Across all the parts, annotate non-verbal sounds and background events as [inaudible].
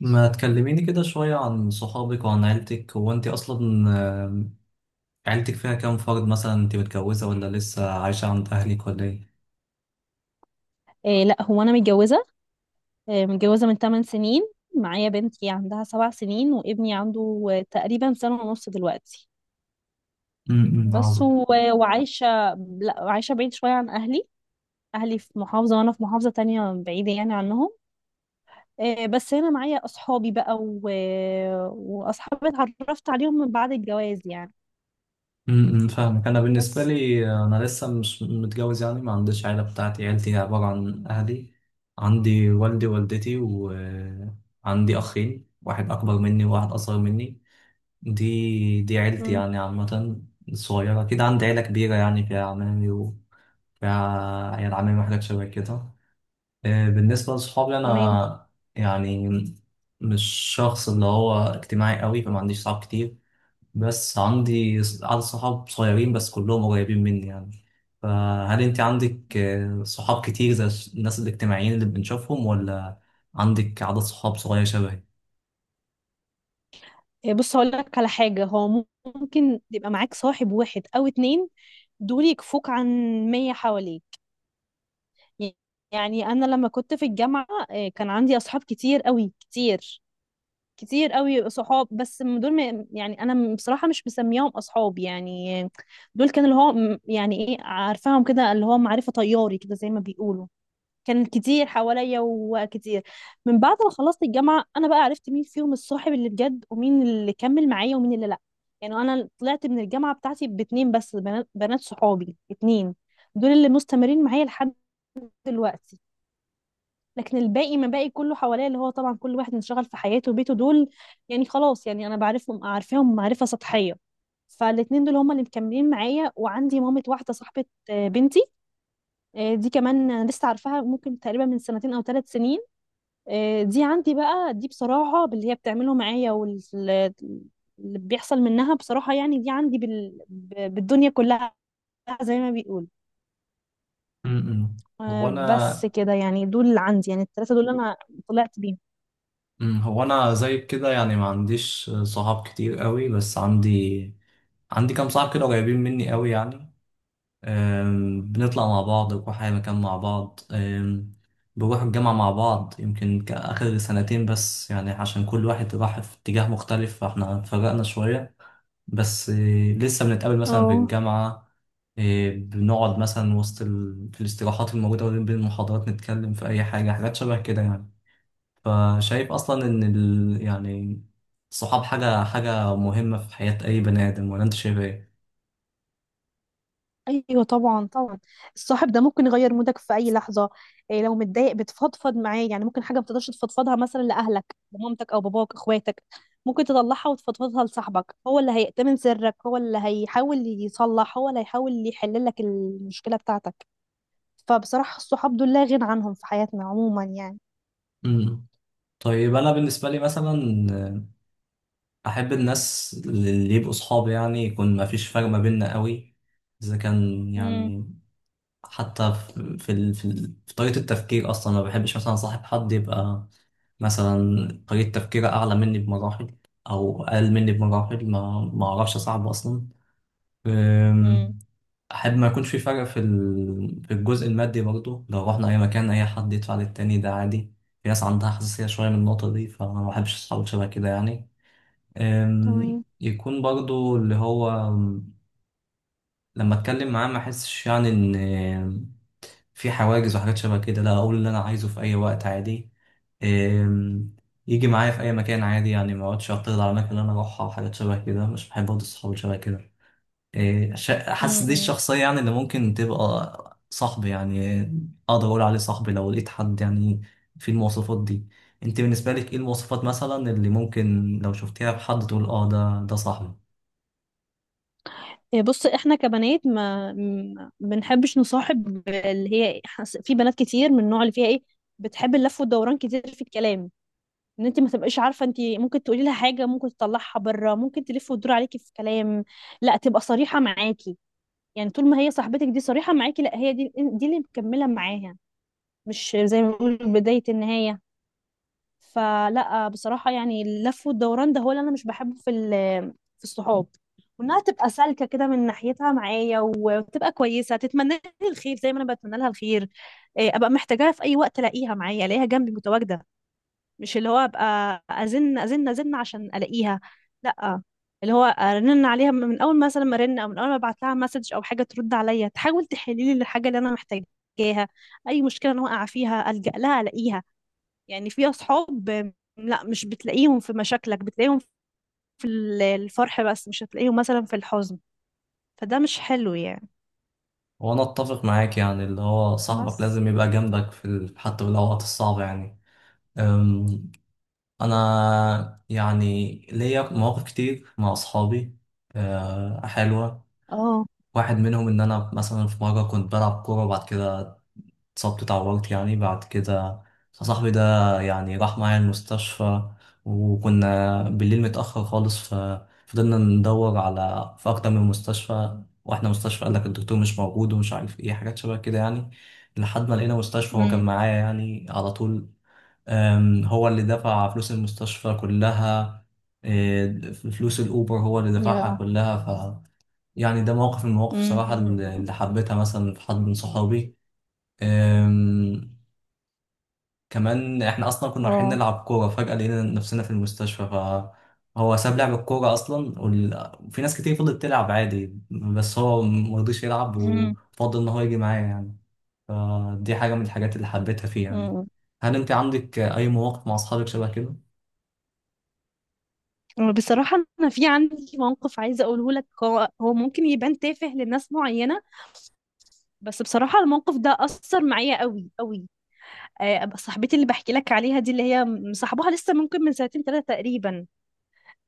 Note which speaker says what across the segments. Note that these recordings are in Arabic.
Speaker 1: ما تكلميني كده شوية عن صحابك وعن عيلتك. هو انت اصلا عيلتك فيها كام فرد؟ مثلا انت متجوزة ولا لسه عايشة عند اهلك ولا ايه؟
Speaker 2: إيه، لا، هو انا متجوزه. إيه، متجوزه من 8 سنين. معايا بنتي عندها 7 سنين وابني عنده تقريبا سنه ونص دلوقتي.
Speaker 1: امم،
Speaker 2: بس
Speaker 1: عظيم.
Speaker 2: وعايشه. لا، عايشه بعيد شويه عن اهلي. اهلي في محافظه وانا في محافظه تانية بعيده يعني عنهم. إيه بس هنا معايا اصحابي بقى واصحابي اتعرفت عليهم من بعد الجواز يعني.
Speaker 1: امم، فاهمك. انا بالنسبة
Speaker 2: بس.
Speaker 1: لي انا لسه مش متجوز، يعني ما عنديش عيلة بتاعتي. عيلتي عبارة عن اهلي. عندي والدي ووالدتي، وعندي اخين، واحد اكبر مني وواحد اصغر مني. دي عيلتي،
Speaker 2: مم.
Speaker 1: يعني عامة صغيرة كده. عندي عيلة كبيرة يعني، فيها عمامي وفيها عيال عمامي وحاجات شبه كده. بالنسبة لصحابي
Speaker 2: تمام.
Speaker 1: أنا، يعني مش شخص اللي هو اجتماعي قوي، فما عنديش صحاب كتير. بس عندي عدد صحاب صغيرين بس كلهم قريبين مني يعني. فهل أنت عندك صحاب كتير زي الناس الاجتماعيين اللي بنشوفهم، ولا عندك عدد صحاب صغير شبهي؟
Speaker 2: إيه بص هقول لك على حاجه. هو ممكن يبقى معاك صاحب واحد او اتنين. دول يكفوك عن 100 حواليك. يعني انا لما كنت في الجامعه كان عندي اصحاب كتير قوي كتير. كتير قوي صحاب بس دول يعني انا بصراحه مش مسميهم اصحاب يعني. دول كان اللي هو يعني ايه عارفاهم كده اللي هو معرفه طياري كده زي ما بيقولوا. كان كتير حواليا وكتير. من بعد ما خلصت الجامعه انا بقى عرفت مين فيهم الصاحب اللي بجد ومين اللي كمل معايا ومين اللي لا. يعني انا طلعت من الجامعه بتاعتي باتنين بس، بنات، بنات صحابي اتنين. دول اللي مستمرين معايا لحد دلوقتي. لكن الباقي، ما باقي كله حواليا، اللي هو طبعا كل واحد منشغل في حياته وبيته. دول يعني خلاص، يعني انا بعرفهم، عارفاهم معرفه سطحيه. فالاتنين دول هما اللي مكملين معايا، وعندي مامة واحده صاحبه بنتي. دي كمان انا لسه عارفاها ممكن تقريبا من سنتين او 3 سنين. دي عندي بقى. دي بصراحه باللي هي بتعمله معايا واللي بيحصل منها بصراحه، يعني دي عندي بالدنيا كلها، زي ما بيقول.
Speaker 1: م-م. هو
Speaker 2: بس
Speaker 1: أنا
Speaker 2: كده يعني، دول اللي عندي، يعني الثلاثه دول اللي انا طلعت بيهم.
Speaker 1: هو أنا زيك كده، يعني ما عنديش صحاب كتير قوي، بس عندي كام صاحب كده قريبين مني قوي يعني. بنطلع مع بعض، بنروح أي مكان مع بعض. بنروح الجامعة مع بعض، يمكن آخر سنتين بس يعني، عشان كل واحد راح في اتجاه مختلف فاحنا اتفرقنا شوية. بس إيه، لسه بنتقابل مثلا في
Speaker 2: اه،
Speaker 1: الجامعة. إيه، بنقعد مثلا وسط في الاستراحات الموجودة ما بين المحاضرات، نتكلم في أي حاجة، حاجات شبه كده يعني. فشايف أصلا إن يعني الصحاب حاجة مهمة في حياة أي بني آدم، ولا أنت شايف إيه؟
Speaker 2: ايوه طبعا طبعا. الصاحب ده ممكن يغير مودك في اي لحظه. إيه، لو متضايق بتفضفض معاه، يعني ممكن حاجه ما بتقدرش تفضفضها مثلا لاهلك، لمامتك او باباك، اخواتك، ممكن تطلعها وتفضفضها لصاحبك. هو اللي هيأتمن سرك، هو اللي هيحاول يصلح، هو اللي هيحاول يحل لك المشكله بتاعتك. فبصراحه الصحاب دول لا غنى عنهم في حياتنا عموما يعني.
Speaker 1: مم. طيب أنا بالنسبة لي مثلا احب الناس اللي يبقوا صحابي، يعني يكون ما فيش فرق ما بيننا قوي، اذا كان
Speaker 2: امم.
Speaker 1: يعني حتى في طريقة التفكير اصلا. ما بحبش مثلا صاحب حد يبقى مثلا طريقة تفكيره اعلى مني بمراحل، او اقل مني بمراحل، ما اعرفش صاحبه اصلا.
Speaker 2: امم.
Speaker 1: أم، احب ما يكونش في فرق في في الجزء المادي برضه، لو رحنا اي مكان اي حد يدفع للتاني ده عادي. في ناس عندها حساسية شوية من النقطة دي، فانا ما بحبش اصحاب شبه كده يعني. أم،
Speaker 2: تمام.
Speaker 1: يكون برضو اللي هو لما اتكلم معاه ما احسش يعني ان في حواجز وحاجات شبه كده، لا اقول اللي انا عايزه في اي وقت عادي. أم، يجي معايا في اي مكان عادي، يعني ما اقعدش اعترض على الاماكن اللي انا اروحها وحاجات شبه كده، مش بحب برضه الصحاب اللي شبه كده. حاسس دي
Speaker 2: امم.
Speaker 1: الشخصية يعني اللي ممكن تبقى صاحبي يعني، اقدر اقول عليه صاحبي لو لقيت حد يعني في المواصفات دي. انت بالنسبة لك ايه المواصفات مثلا اللي ممكن لو شفتيها في حد تقول اه ده صاحبي؟
Speaker 2: إيه بص، احنا كبنات ما بنحبش نصاحب اللي هي، إيه، في بنات كتير من النوع اللي فيها ايه، بتحب اللف والدوران كتير في الكلام، ان انت ما تبقيش عارفه. انت ممكن تقولي لها حاجه ممكن تطلعها بره، ممكن تلف وتدور عليكي في كلام، لا تبقى صريحه معاكي. يعني طول ما هي صاحبتك دي صريحه معاكي، لا هي دي اللي مكمله معاها، مش زي ما بنقول بدايه النهايه. فلا بصراحة، يعني اللف والدوران ده هو اللي أنا مش بحبه في في الصحاب. وإنها تبقى سالكة كده من ناحيتها معايا، وتبقى كويسة، تتمنى لي الخير زي ما أنا بتمنى لها الخير. إيه، أبقى محتاجاها في أي وقت ألاقيها معايا، ألاقيها جنبي متواجدة. مش اللي هو أبقى أزن عشان ألاقيها. لا، اللي هو ارن عليها من اول مثلا ما ارن، او من اول ما ابعت لها مسج او حاجه ترد عليا، تحاول تحل لي الحاجه اللي انا محتاجاها. اي مشكله انا واقعه فيها الجا لها الاقيها. يعني في أصحاب لا مش بتلاقيهم في مشاكلك، بتلاقيهم في الفرح بس، مش هتلاقيهم مثلا في الحزن، فده مش حلو يعني.
Speaker 1: وانا اتفق معاك، يعني اللي هو صاحبك
Speaker 2: بس.
Speaker 1: لازم يبقى جنبك حتى في الاوقات الصعبه يعني. أم، انا يعني ليا مواقف كتير مع اصحابي حلوه.
Speaker 2: اه.
Speaker 1: واحد منهم ان انا مثلا في مره كنت بلعب كوره، وبعد كده اتصبت اتعورت يعني. بعد كده صاحبي ده يعني راح معايا المستشفى، وكنا بالليل متأخر خالص. ففضلنا ندور على في أكتر من مستشفى، واحنا مستشفى قال لك الدكتور مش موجود ومش عارف ايه، حاجات شبه كده يعني، لحد ما لقينا مستشفى. هو كان
Speaker 2: امم.
Speaker 1: معايا يعني على طول. هو اللي دفع فلوس المستشفى كلها. إيه، فلوس الأوبر هو اللي دفعها
Speaker 2: يا.
Speaker 1: كلها، ف يعني ده موقف من المواقف
Speaker 2: امم.
Speaker 1: بصراحة
Speaker 2: أمم.
Speaker 1: اللي
Speaker 2: إمم.
Speaker 1: اللي حبيتها مثلا في حد من صحابي. أم، كمان احنا اصلا كنا رايحين
Speaker 2: اه.
Speaker 1: نلعب كوره، فجاه لقينا نفسنا في المستشفى. فهو ساب لعب الكوره اصلا، وفي ناس كتير فضلت تلعب عادي، بس هو مرضيش يلعب
Speaker 2: امم.
Speaker 1: وفضل ان هو يجي معايا يعني. فدي حاجه من الحاجات اللي حبيتها فيه يعني.
Speaker 2: أمم.
Speaker 1: هل انت عندك اي مواقف مع اصحابك شبه كده؟
Speaker 2: إمم. بصراحة أنا في عندي موقف عايزة أقوله لك. هو ممكن يبان تافه لناس معينة، بس بصراحة الموقف ده أثر معايا قوي قوي. صاحبتي اللي بحكي لك عليها دي، اللي هي مصاحبها لسه ممكن من سنتين ثلاثة تقريبا.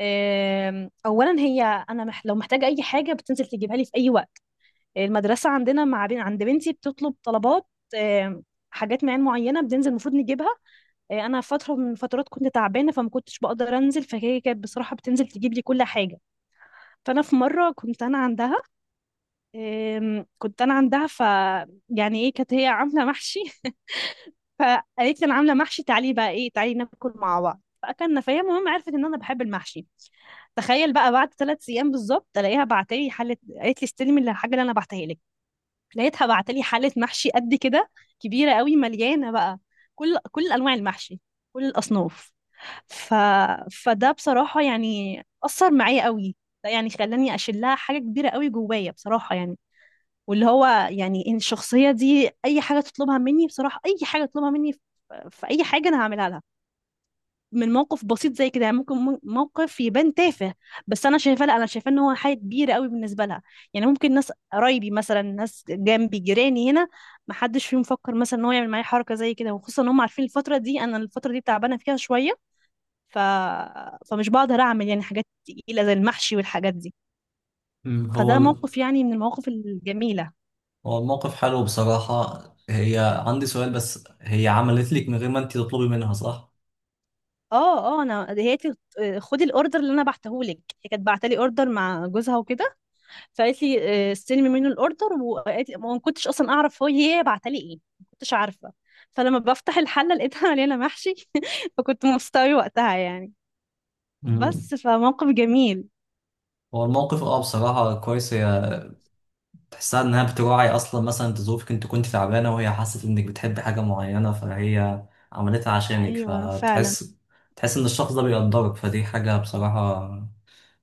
Speaker 2: اولا هي انا لو محتاجه اي حاجه بتنزل تجيبها لي في اي وقت. المدرسه عندنا مع بين عند بنتي بتطلب طلبات. آم، حاجات معينه بننزل المفروض نجيبها. انا فتره من فترات كنت تعبانه، فما كنتش بقدر انزل، فهي كانت بصراحه بتنزل تجيب لي كل حاجه. فانا في مره كنت انا عندها، كنت انا عندها ف يعني ايه، كانت هي عامله محشي [laughs] فقالت لي انا عامله محشي، تعالي بقى ايه، تعالي ناكل مع بعض. فاكلنا، فهي المهم عرفت ان انا بحب المحشي. تخيل بقى بعد 3 ايام بالظبط الاقيها بعتلي حله. قالت لي استلمي الحاجه اللي انا بعتها لك. لقيتها بعتلي حله محشي قد كده، كبيره قوي، مليانه بقى كل انواع المحشي، كل الاصناف. ف... فده بصراحه يعني اثر معايا قوي. ده يعني خلاني اشيل لها حاجه كبيره قوي جوايا بصراحه، يعني واللي هو يعني ان الشخصيه دي اي حاجه تطلبها مني بصراحه، اي حاجه تطلبها مني في، في اي حاجه انا هعملها لها. من موقف بسيط زي كده يعني ممكن موقف يبان تافه، بس انا شايفاه، لا انا شايفاه ان هو حاجه كبيره قوي بالنسبه لها. يعني ممكن ناس قرايبي، مثلا ناس جنبي، جيراني هنا، ما حدش فيهم فكر مثلا ان هو يعمل معايا حركه زي كده، وخصوصا ان هم عارفين الفتره دي انا الفتره دي تعبانه فيها شويه. ف... فمش بقدر اعمل يعني حاجات تقيله زي المحشي والحاجات دي.
Speaker 1: مم.
Speaker 2: فده موقف يعني من المواقف الجميله.
Speaker 1: هو الموقف حلو بصراحه. هي عندي سؤال بس، هي عملت لك من غير ما انت تطلبي منها، صح؟
Speaker 2: اه، اه انا هي قالت لي خدي الاوردر اللي انا بعتهولك. هي كانت بعتلي اوردر مع جوزها وكده. فقالت لي استلمي منه الاوردر، وما كنتش اصلا اعرف هو هي بعتها لي ايه، ما كنتش عارفه. فلما بفتح الحله لقيتها مليانه محشي [laughs] فكنت مبسوطه قوي وقتها يعني.
Speaker 1: مم.
Speaker 2: بس فموقف جميل.
Speaker 1: هو الموقف بصراحة كويس، تحسها انها بتراعي اصلا مثلا انت ظروفك، انت كنت تعبانه وهي حست انك بتحب حاجه معينه فهي عملتها عشانك،
Speaker 2: ايوه فعلا.
Speaker 1: فتحس ان الشخص ده بيقدرك. فدي حاجه بصراحه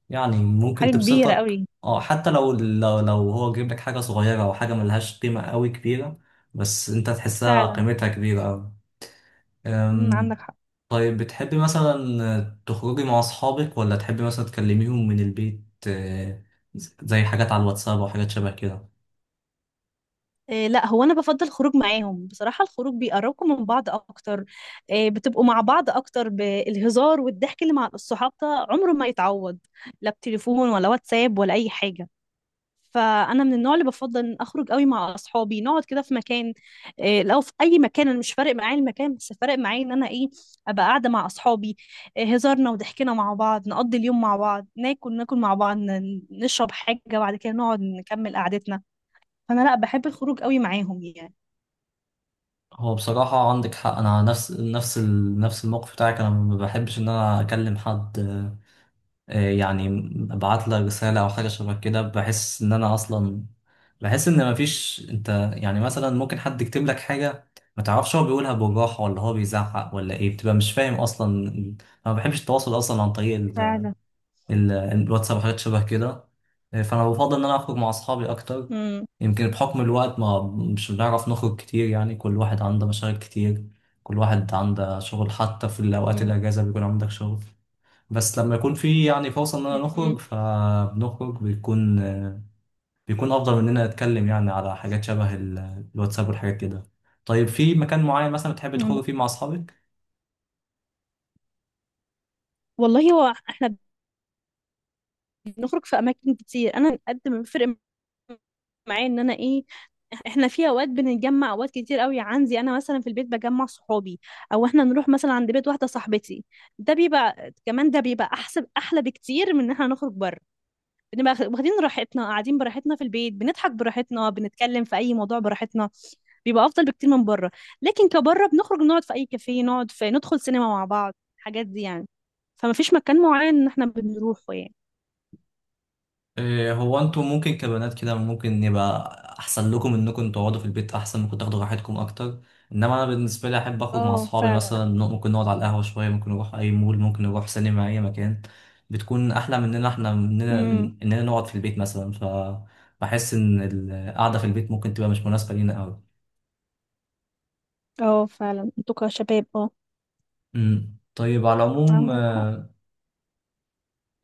Speaker 1: يعني ممكن
Speaker 2: حاجه كبيره
Speaker 1: تبسطك،
Speaker 2: قوي.
Speaker 1: حتى لو هو جايب لك حاجه صغيره او حاجه ملهاش قيمه قوي كبيره، بس انت تحسها
Speaker 2: فعلا.
Speaker 1: قيمتها كبيره قوي.
Speaker 2: امم،
Speaker 1: أم،
Speaker 2: عندك حق.
Speaker 1: طيب بتحبي مثلا تخرجي مع اصحابك، ولا تحبي مثلا تكلميهم من البيت، زي حاجات على الواتساب او حاجات شبه كده؟
Speaker 2: إيه لا هو انا بفضل الخروج معاهم بصراحه، الخروج بيقربكم من بعض اكتر. إيه بتبقوا مع بعض اكتر، بالهزار والضحك اللي مع الصحاب ده عمره ما يتعوض، لا بتليفون ولا واتساب ولا اي حاجه. فانا من النوع اللي بفضل ان اخرج قوي مع اصحابي، نقعد كده في مكان. لو في اي مكان، انا مش فارق معايا المكان، بس فارق معايا ان انا ايه، ابقى قاعده مع اصحابي. هزارنا وضحكنا مع بعض، نقضي اليوم مع بعض، ناكل مع بعض، نشرب حاجه بعد كده، نقعد نكمل قعدتنا. فانا لا بحب الخروج قوي معاهم يعني.
Speaker 1: هو بصراحة عندك حق، أنا نفس الموقف بتاعك. أنا ما بحبش إن أنا أكلم حد، يعني أبعت له رسالة أو حاجة شبه كده، بحس إن أنا أصلا بحس إن مفيش أنت. يعني مثلا ممكن حد يكتب لك حاجة، ما تعرفش هو بيقولها بالراحة ولا هو بيزعق ولا إيه، بتبقى مش فاهم أصلا أنا. ما بحبش التواصل أصلا عن طريق
Speaker 2: فعلا.
Speaker 1: الواتساب وحاجات شبه كده. فانا بفضل ان انا اخرج مع اصحابي اكتر.
Speaker 2: مم.
Speaker 1: يمكن بحكم الوقت ما مش بنعرف نخرج كتير يعني، كل واحد عنده مشاغل كتير، كل واحد عنده شغل، حتى في الاوقات
Speaker 2: مم.
Speaker 1: الاجازه بيكون عندك شغل. بس لما يكون في يعني فرصه اننا نخرج فبنخرج، بيكون افضل مننا نتكلم يعني على حاجات شبه الواتساب والحاجات كده. طيب في مكان معين مثلا بتحب
Speaker 2: مم.
Speaker 1: تخرج فيه مع اصحابك؟
Speaker 2: والله هو احنا بنخرج في اماكن كتير، انا قد ما بيفرق معايا ان انا ايه، احنا في اوقات بنتجمع اوقات كتير قوي عندي انا مثلا في البيت بجمع صحابي، او احنا نروح مثلا عند بيت واحده صاحبتي. ده بيبقى كمان، ده بيبقى احسن، احلى بكتير من ان احنا نخرج بره. بنبقى واخدين راحتنا، قاعدين براحتنا في البيت، بنضحك براحتنا، بنتكلم في اي موضوع براحتنا، بيبقى افضل بكتير من بره. لكن كبره بنخرج نقعد في اي كافيه، نقعد في، ندخل سينما مع بعض، الحاجات دي يعني. فما فيش مكان معين ان احنا بنروحه يعني.
Speaker 1: إيه، هو انتوا ممكن كبنات كده ممكن يبقى احسن لكم انكم تقعدوا في البيت، احسن ممكن تاخدوا راحتكم اكتر. انما انا بالنسبه لي احب اخرج مع
Speaker 2: اه
Speaker 1: اصحابي،
Speaker 2: فعلا.
Speaker 1: مثلا ممكن نقعد على القهوه شويه، ممكن نروح اي مول، ممكن نروح سينما، اي مكان بتكون احلى مننا
Speaker 2: امم.
Speaker 1: من اننا نقعد في البيت مثلا. فبحس ان القعده في البيت ممكن تبقى مش مناسبه لينا قوي.
Speaker 2: اه فعلا، انتوا كشباب اه.
Speaker 1: أمم. طيب على العموم
Speaker 2: عندك حق.
Speaker 1: آه،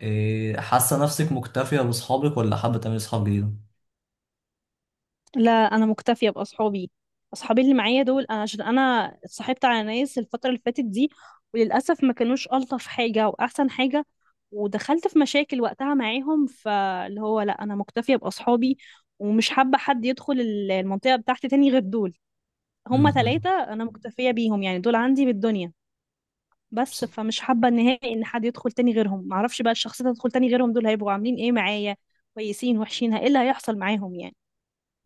Speaker 1: إيه، حاسه نفسك مكتفيه باصحابك ولا حابه تعملي اصحاب جديده؟
Speaker 2: لا انا مكتفيه باصحابي. اصحابي اللي معايا دول، انا عشان انا اتصاحبت على ناس الفتره اللي فاتت دي، وللاسف ما كانوش الطف حاجه واحسن حاجه، ودخلت في مشاكل وقتها معاهم. فاللي هو لا، انا مكتفيه باصحابي، ومش حابه حد يدخل المنطقه بتاعتي تاني غير دول. هما
Speaker 1: أمم.
Speaker 2: ثلاثه انا مكتفيه بيهم يعني، دول عندي بالدنيا. بس فمش حابه نهائي ان حد يدخل تاني غيرهم، معرفش بقى الشخصيه اللي تدخل تاني غيرهم دول هيبقوا عاملين ايه معايا، كويسين وحشين، ايه اللي هيحصل معاهم يعني.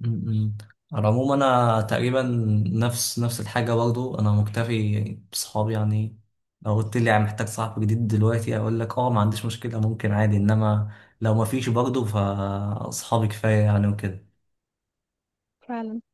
Speaker 1: م-م. على العموم انا تقريبا نفس الحاجه برضو، انا مكتفي بصحابي يعني. لو قلت لي يعني محتاج صاحب جديد دلوقتي اقول لك اه، ما عنديش مشكله ممكن عادي، انما لو ما فيش برضو فاصحابي كفايه يعني وكده.
Speaker 2: فعلا.